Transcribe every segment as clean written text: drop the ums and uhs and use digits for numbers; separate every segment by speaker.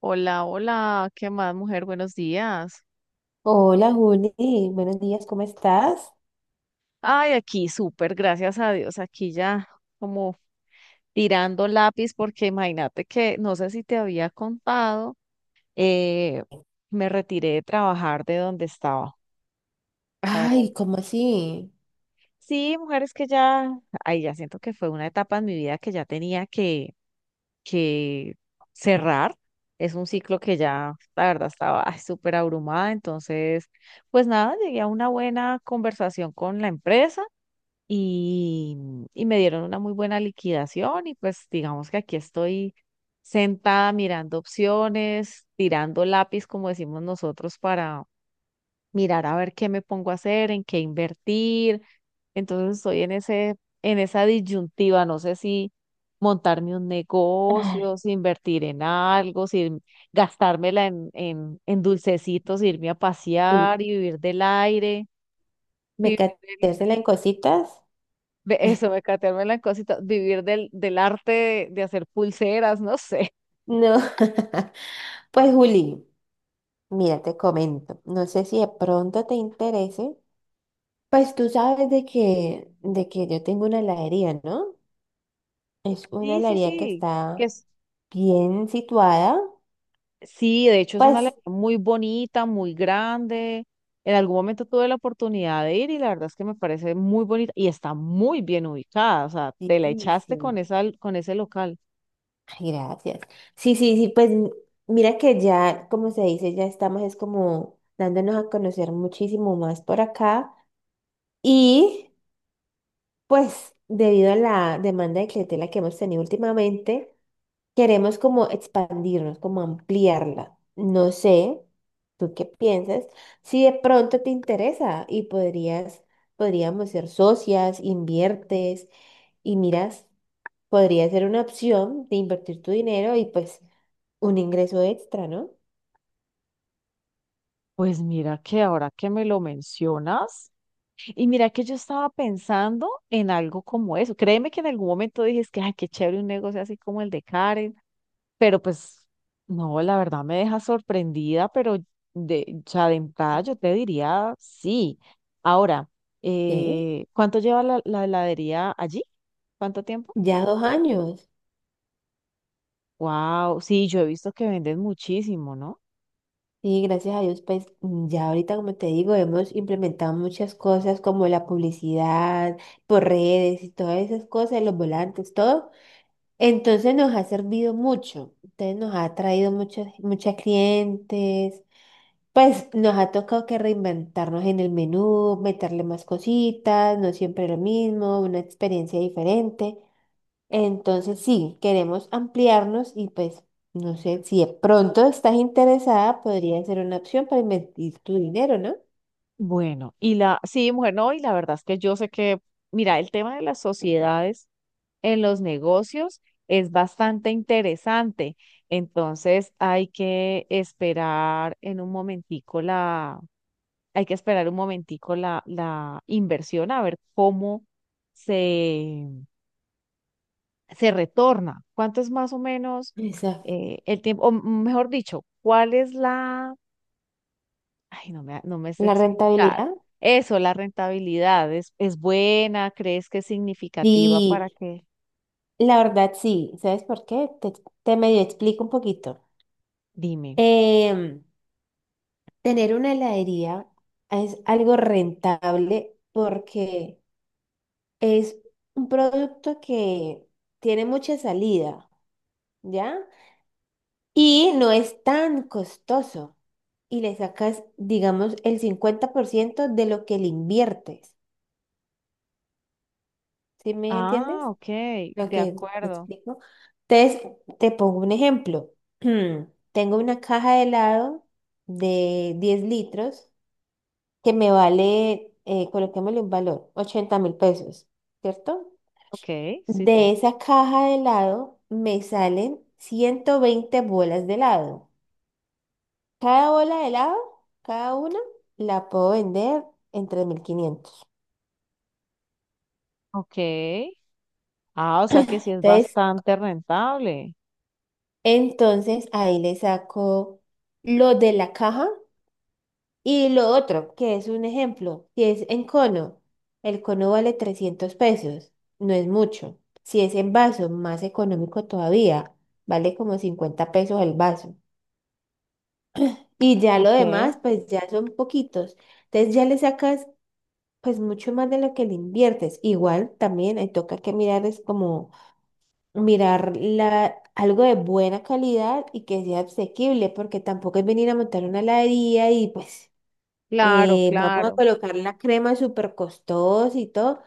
Speaker 1: Hola, hola, ¿qué más, mujer? Buenos días.
Speaker 2: Hola Juli, buenos días, ¿cómo estás?
Speaker 1: Ay, aquí súper, gracias a Dios, aquí ya como tirando lápiz, porque imagínate que, no sé si te había contado, eh, me retiré de trabajar de donde estaba, la verdad.
Speaker 2: Ay, ¿cómo así?
Speaker 1: Sí, mujeres que ya, ay, ya siento que fue una etapa en mi vida que ya tenía que cerrar. Es un ciclo que ya, la verdad, estaba ay, súper abrumada, entonces, pues nada, llegué a una buena conversación con la empresa y, y me dieron una muy buena liquidación y pues digamos que aquí estoy sentada mirando opciones, tirando lápiz, como decimos nosotros, para mirar a ver qué me pongo a hacer, en qué invertir. Entonces estoy en esa disyuntiva, no sé si montarme un
Speaker 2: Ay.
Speaker 1: negocio, si invertir en algo, si gastármela en dulcecitos, irme a pasear y vivir del aire,
Speaker 2: ¿Me
Speaker 1: vivir del,
Speaker 2: cateársela en cositas?
Speaker 1: Ve, eso, mecatearme en la cosita, vivir del arte de hacer pulseras, no sé.
Speaker 2: No, pues Juli, mira, te comento, no sé si de pronto te interese, pues tú sabes de que yo tengo una heladería, ¿no? Es una
Speaker 1: Sí, sí,
Speaker 2: heladería que
Speaker 1: sí. Que
Speaker 2: está
Speaker 1: es,
Speaker 2: bien situada,
Speaker 1: sí, de hecho es una
Speaker 2: pues
Speaker 1: alegría muy bonita, muy grande. En algún momento tuve la oportunidad de ir y la verdad es que me parece muy bonita y está muy bien ubicada. O sea, te la
Speaker 2: sí,
Speaker 1: echaste con
Speaker 2: sí.
Speaker 1: ese local.
Speaker 2: Ay, gracias. Sí, sí, sí, pues mira que ya, como se dice, ya estamos es como dándonos a conocer muchísimo más por acá y pues debido a la demanda de clientela que hemos tenido últimamente, queremos como expandirnos, como ampliarla. No sé, ¿tú qué piensas? Si de pronto te interesa y podríamos ser socias, inviertes y miras. Podría ser una opción de invertir tu dinero y pues un ingreso extra, ¿no?
Speaker 1: Pues mira que ahora que me lo mencionas, y mira que yo estaba pensando en algo como eso. Créeme que en algún momento dije, es que, ay, qué chévere un negocio así como el de Karen. Pero pues, no, la verdad me deja sorprendida, pero de, o sea, de entrada yo te diría sí. Ahora,
Speaker 2: ¿Qué?
Speaker 1: ¿cuánto lleva la heladería allí? ¿Cuánto tiempo?
Speaker 2: Ya 2 años.
Speaker 1: Wow, sí, yo he visto que venden muchísimo, ¿no?
Speaker 2: Sí, gracias a Dios, pues ya ahorita, como te digo, hemos implementado muchas cosas como la publicidad por redes y todas esas cosas, los volantes, todo. Entonces nos ha servido mucho. Entonces nos ha traído muchas clientes. Pues nos ha tocado que reinventarnos en el menú, meterle más cositas, no siempre lo mismo, una experiencia diferente. Entonces, sí, queremos ampliarnos y pues, no sé, si de pronto estás interesada, podría ser una opción para invertir tu dinero, ¿no?
Speaker 1: Bueno, y la, sí, mujer, no, y la verdad es que yo sé que, mira, el tema de las sociedades en los negocios es bastante interesante. Entonces hay que esperar en un momentico la Hay que esperar un momentico la, la inversión a ver se, se retorna. ¿Cuánto es más o menos
Speaker 2: Esa,
Speaker 1: el tiempo? O mejor dicho, ¿cuál es la... Ay, no me sé
Speaker 2: la
Speaker 1: explicar.
Speaker 2: rentabilidad.
Speaker 1: Eso, la rentabilidad, es buena? ¿Crees que es significativa para
Speaker 2: Sí,
Speaker 1: que...
Speaker 2: la verdad sí. ¿Sabes por qué? Te medio explico un poquito.
Speaker 1: Dime.
Speaker 2: Em, tener una heladería es algo rentable porque es un producto que tiene mucha salida, ¿ya? Y no es tan costoso. Y le sacas, digamos, el 50% de lo que le inviertes. ¿Sí me entiendes?
Speaker 1: Ah, ok,
Speaker 2: Lo
Speaker 1: de
Speaker 2: que me
Speaker 1: acuerdo.
Speaker 2: explico. Entonces, te pongo un ejemplo. Tengo una caja de helado de 10 litros que me vale, coloquémosle un valor, 80.000 pesos, ¿cierto?
Speaker 1: Ok, sí, te
Speaker 2: De
Speaker 1: entiendo.
Speaker 2: esa caja de helado me salen 120 bolas de helado. Cada bola de helado, cada una, la puedo vender en 3.500.
Speaker 1: Ok. Ah, o sea que sí es
Speaker 2: Entonces,
Speaker 1: bastante rentable.
Speaker 2: entonces ahí le saco lo de la caja y lo otro, que es un ejemplo. Si es en cono, el cono vale 300 pesos, no es mucho. Si es en vaso, más económico todavía, vale como 50 pesos el vaso. Y ya lo
Speaker 1: Ok.
Speaker 2: demás, pues ya son poquitos. Entonces ya le sacas pues mucho más de lo que le inviertes. Igual también ahí toca que mirar es como mirar la, algo de buena calidad y que sea asequible, porque tampoco es venir a montar una heladería y pues
Speaker 1: Claro,
Speaker 2: vamos a
Speaker 1: claro.
Speaker 2: colocar la crema súper costosa y todo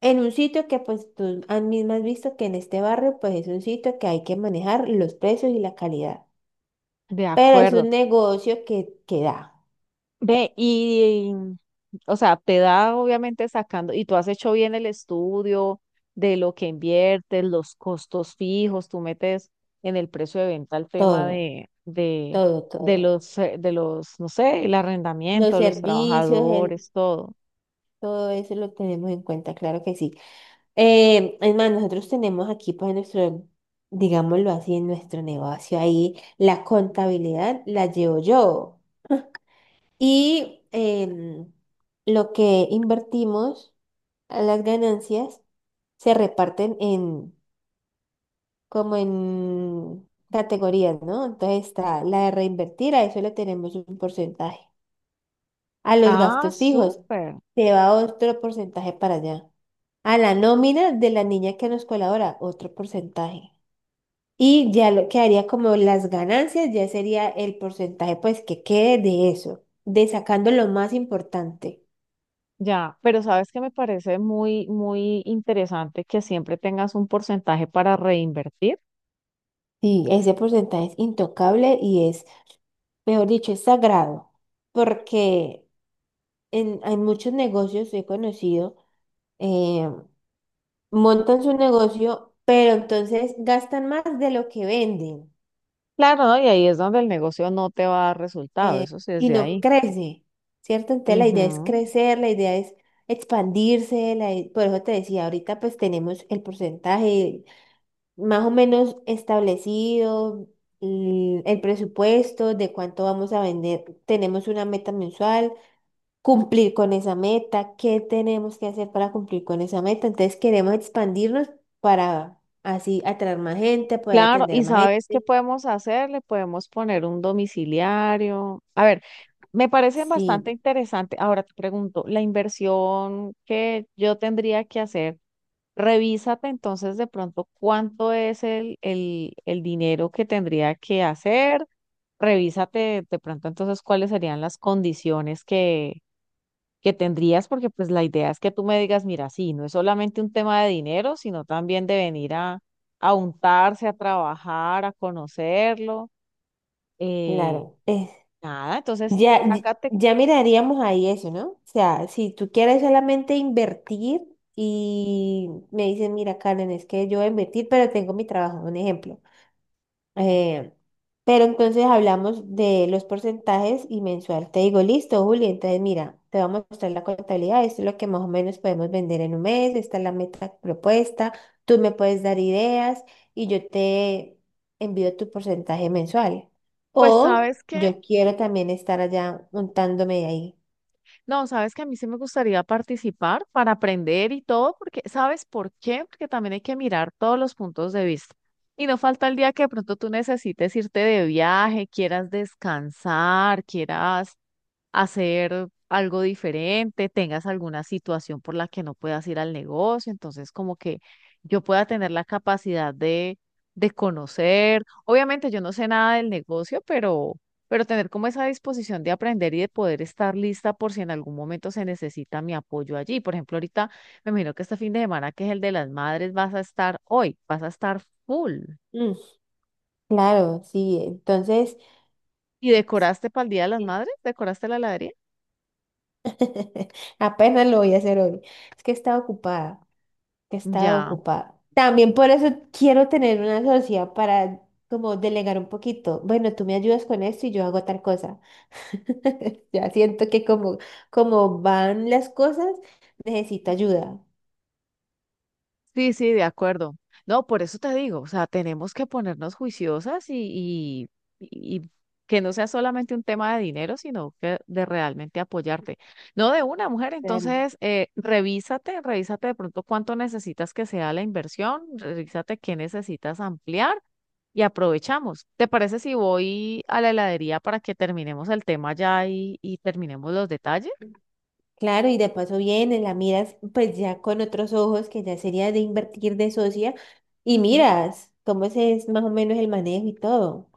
Speaker 2: en un sitio que pues tú has mismo has visto que en este barrio pues es un sitio que hay que manejar los precios y la calidad,
Speaker 1: De
Speaker 2: pero es
Speaker 1: acuerdo.
Speaker 2: un negocio que da
Speaker 1: Ve, y, o sea, te da obviamente sacando, y tú has hecho bien el estudio de lo que inviertes, los costos fijos, tú metes en el precio de venta el tema
Speaker 2: todo, todo, todo.
Speaker 1: de los, no sé, el
Speaker 2: Los
Speaker 1: arrendamiento, los
Speaker 2: servicios,
Speaker 1: trabajadores, todo.
Speaker 2: todo eso lo tenemos en cuenta, claro que sí. Es más, nosotros tenemos aquí, pues, en nuestro, digámoslo así, en nuestro negocio ahí, la contabilidad la llevo yo. Y lo que invertimos, a las ganancias, se reparten en, como en categorías, ¿no? Entonces está la de reinvertir, a eso le tenemos un porcentaje. A los
Speaker 1: Ah,
Speaker 2: gastos fijos,
Speaker 1: súper.
Speaker 2: se va otro porcentaje para allá. A la nómina de la niña que nos colabora, otro porcentaje. Y ya lo que haría como las ganancias, ya sería el porcentaje pues que quede de eso, de sacando lo más importante.
Speaker 1: Ya, pero sabes que me parece muy, muy interesante que siempre tengas un porcentaje para reinvertir.
Speaker 2: Sí, ese porcentaje es intocable y es, mejor dicho, es sagrado, porque en, hay muchos negocios, he conocido, eh, montan su negocio, pero entonces gastan más de lo que venden.
Speaker 1: Claro, ¿no? Y ahí es donde el negocio no te va a dar resultado, eso sí es
Speaker 2: Y
Speaker 1: de
Speaker 2: no
Speaker 1: ahí.
Speaker 2: crece, ¿cierto? Entonces la idea es
Speaker 1: Ujú.
Speaker 2: crecer, la idea es expandirse, por eso te decía, ahorita pues tenemos el porcentaje más o menos establecido, el presupuesto de cuánto vamos a vender, tenemos una meta mensual, cumplir con esa meta, qué tenemos que hacer para cumplir con esa meta, entonces queremos expandirnos para así atraer más gente, poder
Speaker 1: Claro,
Speaker 2: atender
Speaker 1: y
Speaker 2: más
Speaker 1: ¿sabes qué
Speaker 2: gente.
Speaker 1: podemos hacer? Le podemos poner un domiciliario. A ver, me parece bastante
Speaker 2: Sí,
Speaker 1: interesante. Ahora te pregunto, la inversión que yo tendría que hacer, revísate entonces de pronto cuánto es el dinero que tendría que hacer. Revísate de pronto entonces cuáles serían las condiciones que tendrías, porque pues la idea es que tú me digas, mira, sí, no es solamente un tema de dinero, sino también de venir a untarse, a trabajar, a conocerlo. eh,
Speaker 2: claro. Es
Speaker 1: Nada, entonces,
Speaker 2: ya,
Speaker 1: sácate.
Speaker 2: ya miraríamos ahí eso, ¿no? O sea, si tú quieres solamente invertir y me dices, mira, Karen, es que yo voy a invertir, pero tengo mi trabajo, un ejemplo. Eh, pero entonces hablamos de los porcentajes y mensual. Te digo, listo, Juli, entonces mira, te voy a mostrar la contabilidad, esto es lo que más o menos podemos vender en un mes, esta es la meta propuesta, tú me puedes dar ideas y yo te envío tu porcentaje mensual.
Speaker 1: Pues
Speaker 2: O
Speaker 1: sabes que,
Speaker 2: yo quiero también estar allá untándome ahí.
Speaker 1: no, sabes que a mí sí me gustaría participar para aprender y todo, porque, ¿sabes por qué? Porque también hay que mirar todos los puntos de vista. Y no falta el día que de pronto tú necesites irte de viaje, quieras descansar, quieras hacer algo diferente, tengas alguna situación por la que no puedas ir al negocio, entonces como que yo pueda tener la capacidad de conocer. Obviamente yo no sé nada del negocio, pero tener como esa disposición de aprender y de poder estar lista por si en algún momento se necesita mi apoyo allí. Por ejemplo, ahorita me imagino que este fin de semana, que es el de las madres, vas a estar hoy, vas a estar full.
Speaker 2: Mm, claro, sí, entonces
Speaker 1: ¿Y decoraste para el Día de las Madres? ¿Decoraste la heladería?
Speaker 2: apenas lo voy a hacer hoy. Es que estaba ocupada. Que estaba
Speaker 1: Ya.
Speaker 2: ocupada. También por eso quiero tener una sociedad para como delegar un poquito. Bueno, tú me ayudas con esto y yo hago tal cosa. Ya siento que como, como van las cosas, necesito ayuda.
Speaker 1: Sí, sí, de acuerdo. No, por eso te digo, o sea, tenemos que ponernos juiciosas y que no sea solamente un tema de dinero, sino que de realmente apoyarte. No de una mujer,
Speaker 2: Claro.
Speaker 1: entonces, revísate, revísate de pronto cuánto necesitas que sea la inversión, revísate qué necesitas ampliar y aprovechamos. ¿Te parece si voy a la heladería para que terminemos el tema ya y terminemos los detalles?
Speaker 2: Claro, y de paso viene, la miras pues ya con otros ojos, que ya sería de invertir de socia, y
Speaker 1: Ujú.
Speaker 2: miras cómo ese es más o menos el manejo y todo.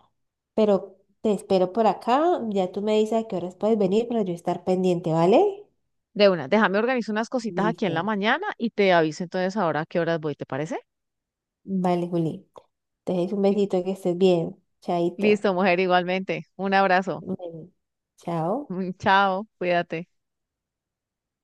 Speaker 2: Pero te espero por acá, ya tú me dices a qué horas puedes venir para yo estar pendiente, ¿vale?
Speaker 1: De una, déjame organizar unas
Speaker 2: Listo.
Speaker 1: cositas aquí en la
Speaker 2: Listo.
Speaker 1: mañana y te aviso entonces ahora a qué horas voy, ¿te parece?
Speaker 2: Vale, Juli. Te dejo un
Speaker 1: Li-
Speaker 2: besito, que estés bien. Chaito.
Speaker 1: Listo, mujer, igualmente. Un abrazo.
Speaker 2: Bueno, chao.
Speaker 1: Chao, cuídate.